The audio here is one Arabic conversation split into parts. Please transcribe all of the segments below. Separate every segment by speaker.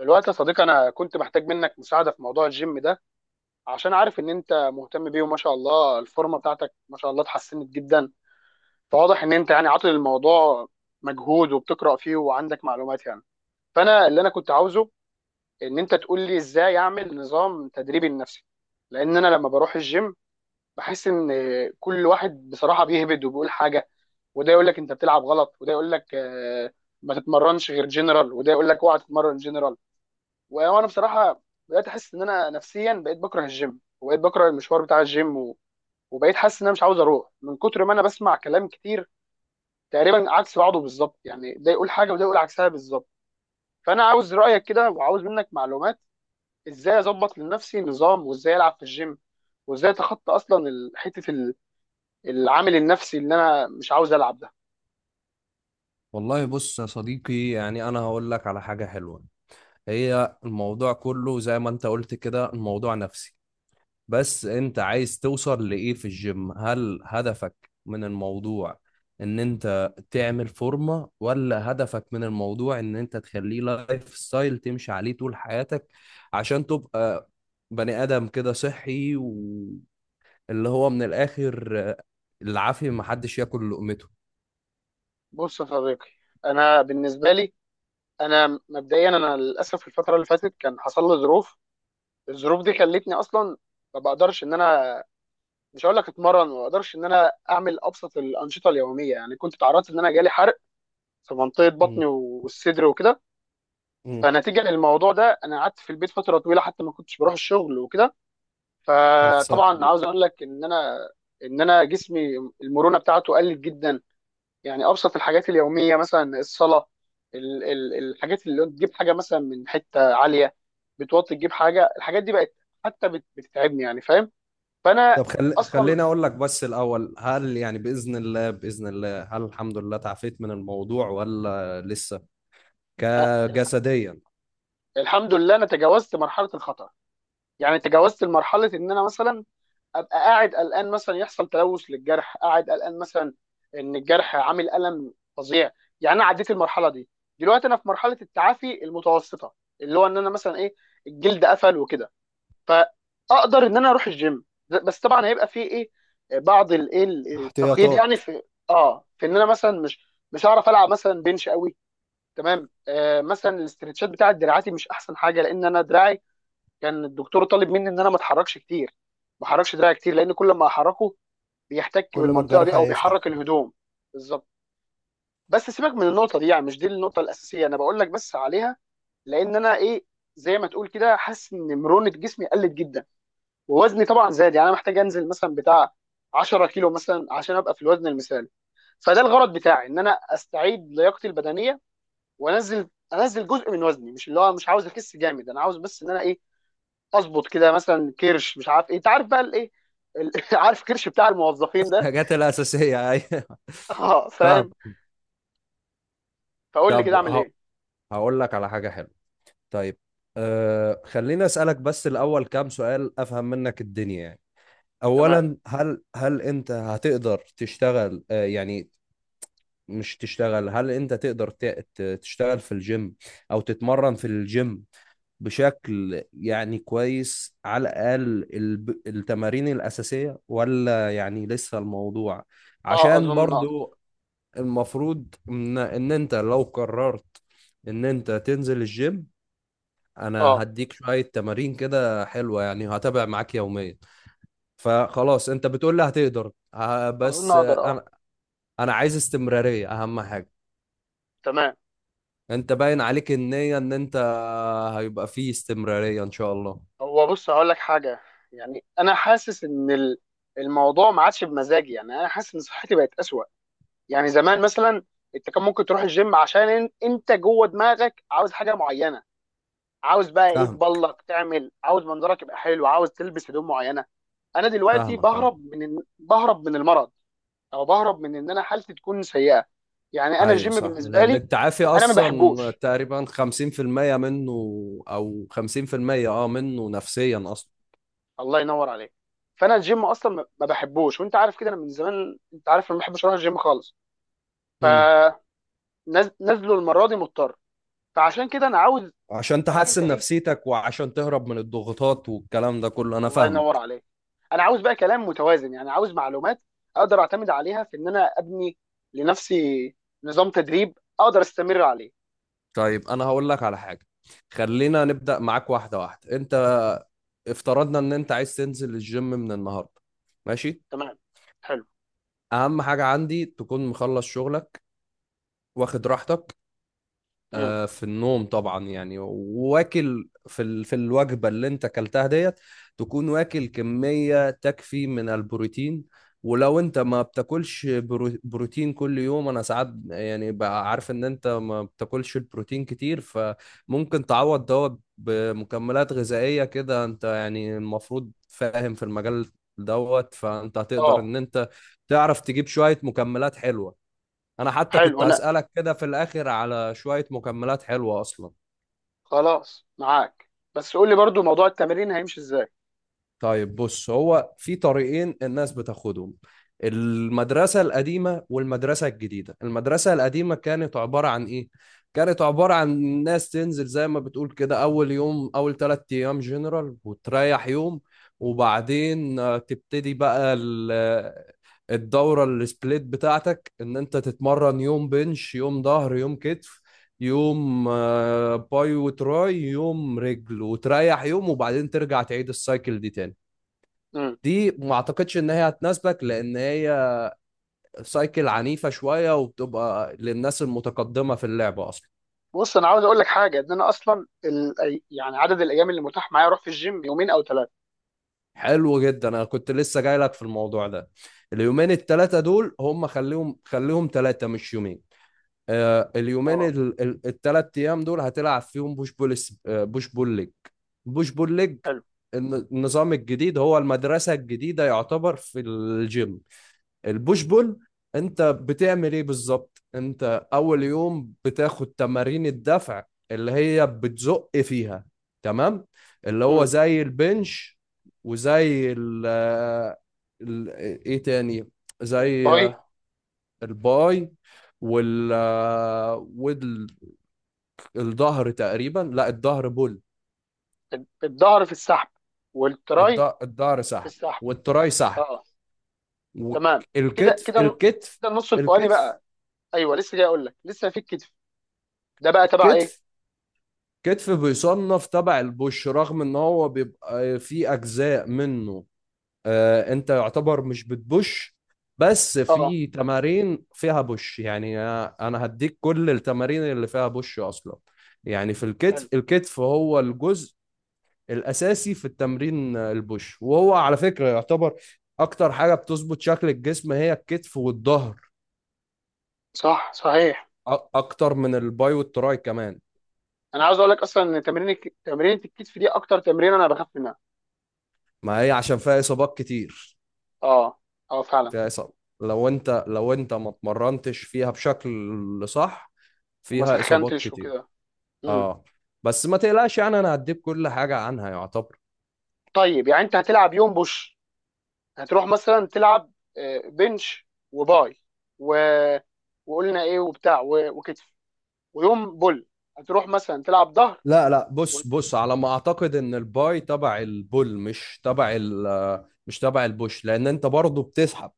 Speaker 1: الوقت يا صديقي، انا كنت محتاج منك مساعده في موضوع الجيم ده، عشان عارف ان انت مهتم بيه، وما شاء الله الفورمه بتاعتك ما شاء الله اتحسنت جدا. فواضح ان انت يعني عاطل الموضوع مجهود وبتقرا فيه وعندك معلومات يعني. فانا اللي انا كنت عاوزه ان انت تقول لي ازاي اعمل نظام تدريبي لنفسي. لان انا لما بروح الجيم بحس ان كل واحد بصراحه بيهبد وبيقول حاجه. وده يقول لك انت بتلعب غلط، وده يقول لك آه، ما تتمرنش غير جنرال، وده يقول لك اوعى تتمرن جنرال. وانا بصراحه بدات احس ان انا نفسيا بقيت بكره الجيم وبقيت بكره المشوار بتاع الجيم وبقيت حاسس ان انا مش عاوز اروح من كتر ما انا بسمع كلام كتير تقريبا عكس بعضه بالظبط. يعني ده يقول حاجه وده يقول عكسها بالظبط. فانا عاوز رايك كده وعاوز منك معلومات ازاي اظبط لنفسي نظام، وازاي العب في الجيم، وازاي اتخطى اصلا العامل النفسي اللي انا مش عاوز العب ده.
Speaker 2: والله بص يا صديقي، يعني انا هقول لك على حاجة حلوة. هي الموضوع كله زي ما انت قلت كده، الموضوع نفسي. بس انت عايز توصل لإيه في الجيم؟ هل هدفك من الموضوع ان انت تعمل فورمة، ولا هدفك من الموضوع ان انت تخليه لايف ستايل تمشي عليه طول حياتك، عشان تبقى بني آدم كده صحي؟ واللي هو من الآخر، العافية محدش ياكل لقمته.
Speaker 1: بص يا صديقي، انا بالنسبه لي انا مبدئيا انا للاسف الفتره اللي فاتت كان حصل لي ظروف. الظروف دي خلتني اصلا ما بقدرش ان انا، مش هقول لك اتمرن، ما بقدرش ان انا اعمل ابسط الانشطه اليوميه. يعني كنت تعرضت ان انا جالي حرق في منطقه بطني
Speaker 2: مم.
Speaker 1: والصدر وكده.
Speaker 2: مم.
Speaker 1: فنتيجه للموضوع ده انا قعدت في البيت فتره طويله، حتى ما كنتش بروح الشغل وكده.
Speaker 2: ألف سلام
Speaker 1: فطبعا عاوز
Speaker 2: عليك.
Speaker 1: اقول لك ان انا، ان انا جسمي المرونه بتاعته قلت جدا. يعني ابسط الحاجات اليوميه مثلا الصلاه، الحاجات اللي تجيب حاجه مثلا من حته عاليه، بتوطي تجيب حاجه، الحاجات دي بقت حتى بتتعبني، يعني فاهم. فانا اصلا
Speaker 2: خليني اقول لك بس الاول، هل يعني باذن الله باذن الله، هل الحمد لله تعافيت من الموضوع ولا لسه
Speaker 1: أ-
Speaker 2: كجسديا؟
Speaker 1: الحمد لله انا تجاوزت مرحله الخطر. يعني تجاوزت مرحله ان انا مثلا ابقى قاعد قلقان مثلا يحصل تلوث للجرح، قاعد قلقان مثلا ان الجرح عامل الم فظيع. يعني انا عديت المرحله دي. دلوقتي انا في مرحله التعافي المتوسطه، اللي هو ان انا مثلا ايه، الجلد قفل وكده. فاقدر ان انا اروح الجيم، بس طبعا هيبقى فيه ايه، بعض الايه التقييد يعني.
Speaker 2: احتياطات.
Speaker 1: في اه، في ان انا مثلا مش هعرف العب مثلا بنش قوي. تمام آه، مثلا الاسترتشات بتاعت دراعاتي مش احسن حاجه، لان انا دراعي كان الدكتور طالب مني ان انا ما اتحركش كتير، ما احركش دراعي كتير، لان كل ما احركه بيحتك
Speaker 2: كل ما
Speaker 1: بالمنطقه
Speaker 2: الجرح
Speaker 1: دي او
Speaker 2: هيفتح.
Speaker 1: بيحرك الهدوم. بالظبط. بس سيبك من النقطه دي، يعني مش دي النقطه الاساسيه انا بقول لك بس عليها. لان انا ايه، زي ما تقول كده، حاسس ان مرونه جسمي قلت جدا ووزني طبعا زاد. يعني انا محتاج انزل مثلا بتاع 10 كيلو مثلا عشان ابقى في الوزن المثالي. فده الغرض بتاعي، ان انا استعيد لياقتي البدنيه وانزل جزء من وزني، مش اللي هو مش عاوز اخس جامد، انا عاوز بس ان انا ايه، اظبط كده مثلا كرش، مش عارف ايه، انت عارف بقى الايه ال- عارف كرش بتاع الموظفين ده.
Speaker 2: الحاجات الاساسيه ايوه.
Speaker 1: اه
Speaker 2: فاهم.
Speaker 1: فاهم. فقول لي
Speaker 2: طب
Speaker 1: كده اعمل
Speaker 2: ه...
Speaker 1: ايه.
Speaker 2: هقول لك على حاجه حلوه. طيب. خليني اسالك بس الاول كام سؤال افهم منك الدنيا يعني.
Speaker 1: تمام.
Speaker 2: اولا، هل انت هتقدر تشتغل، أه يعني مش تشتغل، هل انت تشتغل في الجيم او تتمرن في الجيم بشكل يعني كويس، على الاقل التمارين الاساسية، ولا يعني لسه الموضوع؟
Speaker 1: اه
Speaker 2: عشان
Speaker 1: اظن اقدر
Speaker 2: برضو المفروض ان انت لو قررت ان انت تنزل الجيم، انا
Speaker 1: اه
Speaker 2: هديك شوية تمارين كده حلوة، يعني هتابع معاك يوميا. فخلاص انت بتقول لي هتقدر،
Speaker 1: اظن
Speaker 2: بس
Speaker 1: اقدر اه.
Speaker 2: انا انا عايز استمرارية اهم حاجة.
Speaker 1: تمام.
Speaker 2: انت باين عليك النية ان انت هيبقى فيه استمرارية ان شاء الله.
Speaker 1: هو بص هقول لك حاجه، يعني انا حاسس ان الموضوع ما عادش بمزاجي. يعني انا حاسس ان صحتي بقت اسوأ. يعني زمان مثلا انت كان ممكن تروح الجيم عشان انت جوه دماغك عاوز حاجه معينه، عاوز بقى ايه
Speaker 2: فاهم.
Speaker 1: تبلق تعمل، عاوز منظرك يبقى حلو، عاوز تلبس هدوم معينه. انا دلوقتي
Speaker 2: فاهمك اه.
Speaker 1: بهرب من بهرب من المرض، او بهرب من ان انا حالتي تكون سيئه. يعني انا
Speaker 2: ايوه
Speaker 1: الجيم
Speaker 2: صح،
Speaker 1: بالنسبه
Speaker 2: لان
Speaker 1: لي
Speaker 2: التعافي
Speaker 1: انا ما
Speaker 2: اصلا
Speaker 1: بحبوش.
Speaker 2: تقريبا 50% منه، او 50% اه منه نفسيا اصلا.
Speaker 1: الله ينور عليك. فانا الجيم اصلا ما بحبوش، وانت عارف كده، انا من زمان انت عارف أنا ما بحبش اروح الجيم خالص.
Speaker 2: امم.
Speaker 1: فنزلوا المره دي مضطر. فعشان كده انا عاوز،
Speaker 2: عشان
Speaker 1: عارف انت
Speaker 2: تحسن
Speaker 1: ايه،
Speaker 2: نفسيتك وعشان تهرب من الضغوطات والكلام ده كله، انا
Speaker 1: الله ينور
Speaker 2: فاهمك.
Speaker 1: عليك، انا عاوز بقى كلام متوازن. يعني عاوز معلومات اقدر اعتمد عليها في ان انا ابني لنفسي نظام تدريب اقدر استمر عليه.
Speaker 2: طيب، انا هقول لك على حاجة. خلينا نبدأ معاك واحدة واحدة. انت افترضنا ان انت عايز تنزل الجيم من النهاردة، ماشي.
Speaker 1: تمام. حلو.
Speaker 2: اهم حاجة عندي تكون مخلص شغلك، واخد راحتك،
Speaker 1: امم.
Speaker 2: آه، في النوم طبعا يعني، واكل في في الوجبه اللي انت اكلتها ديت، تكون واكل كميه تكفي من البروتين. ولو انت ما بتاكلش بروتين كل يوم، انا ساعات يعني بقى عارف ان انت ما بتاكلش البروتين كتير، فممكن تعوض دوت بمكملات غذائيه كده. انت يعني المفروض فاهم في المجال دوت، فانت هتقدر
Speaker 1: اه.
Speaker 2: ان انت تعرف تجيب شويه مكملات حلوه. انا حتى
Speaker 1: حلو.
Speaker 2: كنت
Speaker 1: انا
Speaker 2: هسألك كده في الاخر على شوية مكملات حلوة اصلا.
Speaker 1: خلاص معاك، بس قول لي برضو موضوع التمرين هيمشي ازاي.
Speaker 2: طيب بص، هو في طريقين الناس بتاخدهم، المدرسة القديمة والمدرسة الجديدة. المدرسة القديمة كانت عبارة عن إيه؟ كانت عبارة عن ناس تنزل زي ما بتقول كده، أول يوم أول تلات أيام جنرال وتريح يوم، وبعدين تبتدي بقى الدورة السبليت بتاعتك، إن أنت تتمرن يوم بنش، يوم ظهر، يوم كتف، يوم باي وتراي، يوم رجل، وتريح يوم، وبعدين ترجع تعيد السايكل دي تاني.
Speaker 1: امم.
Speaker 2: دي ما اعتقدش ان هي هتناسبك، لان هي سايكل عنيفة شوية وبتبقى للناس المتقدمة في اللعبة اصلا.
Speaker 1: بص انا عاوز اقول لك حاجه، ان انا اصلا يعني عدد الايام اللي متاح معايا اروح في الجيم يومين او ثلاثه.
Speaker 2: حلو جدا، انا كنت لسه جاي لك في الموضوع ده. اليومين التلاتة دول هم خليهم تلاتة مش يومين. آه اليومين
Speaker 1: اه.
Speaker 2: التلات ايام دول هتلعب فيهم بوش بول بوش بول ليج. بوش بول ليج.
Speaker 1: حلو.
Speaker 2: النظام الجديد هو المدرسة الجديدة، يعتبر في الجيم البوش بول. انت بتعمل ايه بالظبط؟ انت اول يوم بتاخد تمارين الدفع اللي هي بتزق فيها، تمام، اللي هو
Speaker 1: امم.
Speaker 2: زي البنش، وزي ال- ايه تاني، زي
Speaker 1: الباي.
Speaker 2: الباي، وال آه، والظهر تقريبا، لا الظهر بول.
Speaker 1: الظهر في السحب، والتراي
Speaker 2: الظهر
Speaker 1: في
Speaker 2: سحب،
Speaker 1: السحب.
Speaker 2: والتراي سحب،
Speaker 1: اه، تمام. كده
Speaker 2: والكتف،
Speaker 1: كده
Speaker 2: الكتف،
Speaker 1: كده النص الفوقاني
Speaker 2: الكتف.
Speaker 1: بقى. ايوه لسه جاي اقول لك، لسه في الكتف ده، بقى تبع ايه.
Speaker 2: الكتف كتف بيصنف تبع البوش، رغم ان هو بيبقى في اجزاء منه آه، انت يعتبر مش بتبوش، بس
Speaker 1: اه آه.
Speaker 2: في تمارين فيها بوش يعني. انا هديك كل التمارين اللي فيها بوش اصلا. يعني في الكتف،
Speaker 1: حلو.
Speaker 2: الكتف هو الجزء الاساسي في التمرين البوش، وهو على فكرة يعتبر اكتر حاجة بتظبط شكل الجسم هي الكتف والظهر،
Speaker 1: صح صحيح.
Speaker 2: اكتر من الباي والتراي كمان.
Speaker 1: انا عاوز اقول لك اصلا ان تمرينة الكتف دي اكتر تمرين انا بخاف منها.
Speaker 2: ما هي عشان فيها اصابات كتير.
Speaker 1: اه. اه فعلا.
Speaker 2: فيها إصابة، لو أنت ما اتمرنتش فيها بشكل صح
Speaker 1: وما
Speaker 2: فيها إصابات
Speaker 1: سخنتش
Speaker 2: كتير.
Speaker 1: وكده. امم.
Speaker 2: أه. بس ما تقلقش، يعني أنا هديك كل حاجة عنها يعتبر.
Speaker 1: طيب يعني انت هتلعب يوم بوش، هتروح مثلا تلعب آه، بنش وباي و... وقلنا ايه وبتاع وكتف. ويوم بول هتروح مثلا تلعب ظهر
Speaker 2: لا لا،
Speaker 1: و...
Speaker 2: بص بص، على ما أعتقد إن الباي تبع البول، مش تبع ال، مش تبع البوش، لأن أنت برضه بتسحب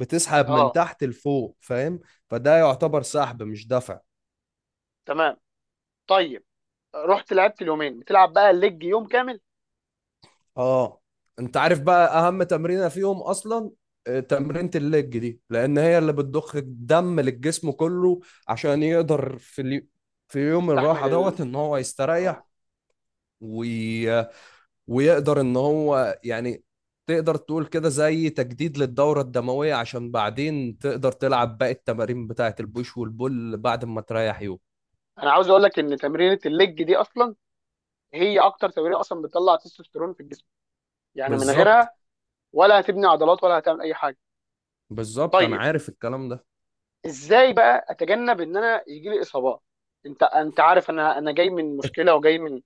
Speaker 2: بتسحب من
Speaker 1: اه.
Speaker 2: تحت لفوق، فاهم؟ فده
Speaker 1: مم.
Speaker 2: يعتبر سحب مش دفع.
Speaker 1: تمام. طيب رحت لعبت اليومين، بتلعب بقى الليج يوم كامل.
Speaker 2: اه. انت عارف بقى اهم تمرينه فيهم اصلا؟ آه، تمرينة الليج دي، لان هي اللي بتضخ الدم للجسم كله، عشان يقدر في في يوم
Speaker 1: يستحمل
Speaker 2: الراحه
Speaker 1: ال...
Speaker 2: دوت ان هو يستريح،
Speaker 1: اه.
Speaker 2: وي... ويقدر ان هو يعني تقدر تقول كده زي تجديد للدورة الدموية، عشان بعدين تقدر تلعب باقي التمارين بتاعت البوش والبول بعد ما تريح يوم.
Speaker 1: انا عاوز اقول لك ان تمرينه الليج دي اصلا هي اكتر تمرينه اصلا بتطلع تستوستيرون في الجسم. يعني من
Speaker 2: بالظبط،
Speaker 1: غيرها ولا هتبني عضلات ولا هتعمل اي حاجه.
Speaker 2: بالظبط، انا
Speaker 1: طيب،
Speaker 2: عارف الكلام ده.
Speaker 1: ازاي بقى اتجنب ان انا يجي لي اصابات. انت انت عارف انا جاي من مشكله وجاي من،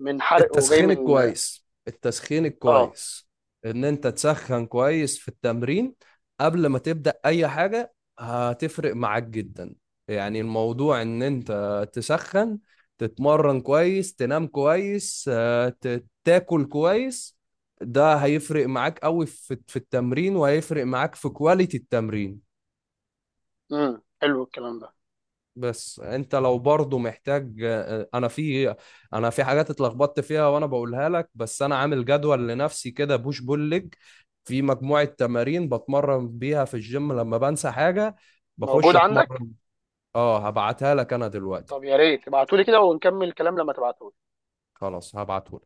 Speaker 1: من حرق وجاي
Speaker 2: التسخين
Speaker 1: من،
Speaker 2: الكويس، التسخين
Speaker 1: اه.
Speaker 2: الكويس، ان انت تسخن كويس في التمرين قبل ما تبدأ اي حاجة، هتفرق معاك جدا. يعني الموضوع ان انت تسخن، تتمرن كويس، تنام كويس، آه، تاكل كويس، ده هيفرق معاك قوي في في التمرين، وهيفرق معاك في كواليتي التمرين.
Speaker 1: امم. حلو الكلام ده.
Speaker 2: بس انت لو برضو محتاج، انا في انا في حاجات اتلخبطت فيها وانا بقولها لك، بس انا عامل جدول لنفسي كده بوش بول ليج، في مجموعة تمارين بتمرن بيها في الجيم لما بنسى حاجة بخش
Speaker 1: موجود عندك.
Speaker 2: اتمرن. اه هبعتها لك انا دلوقتي.
Speaker 1: طب يا ريت ابعتولي كده ونكمل الكلام لما تبعته.
Speaker 2: خلاص هبعته.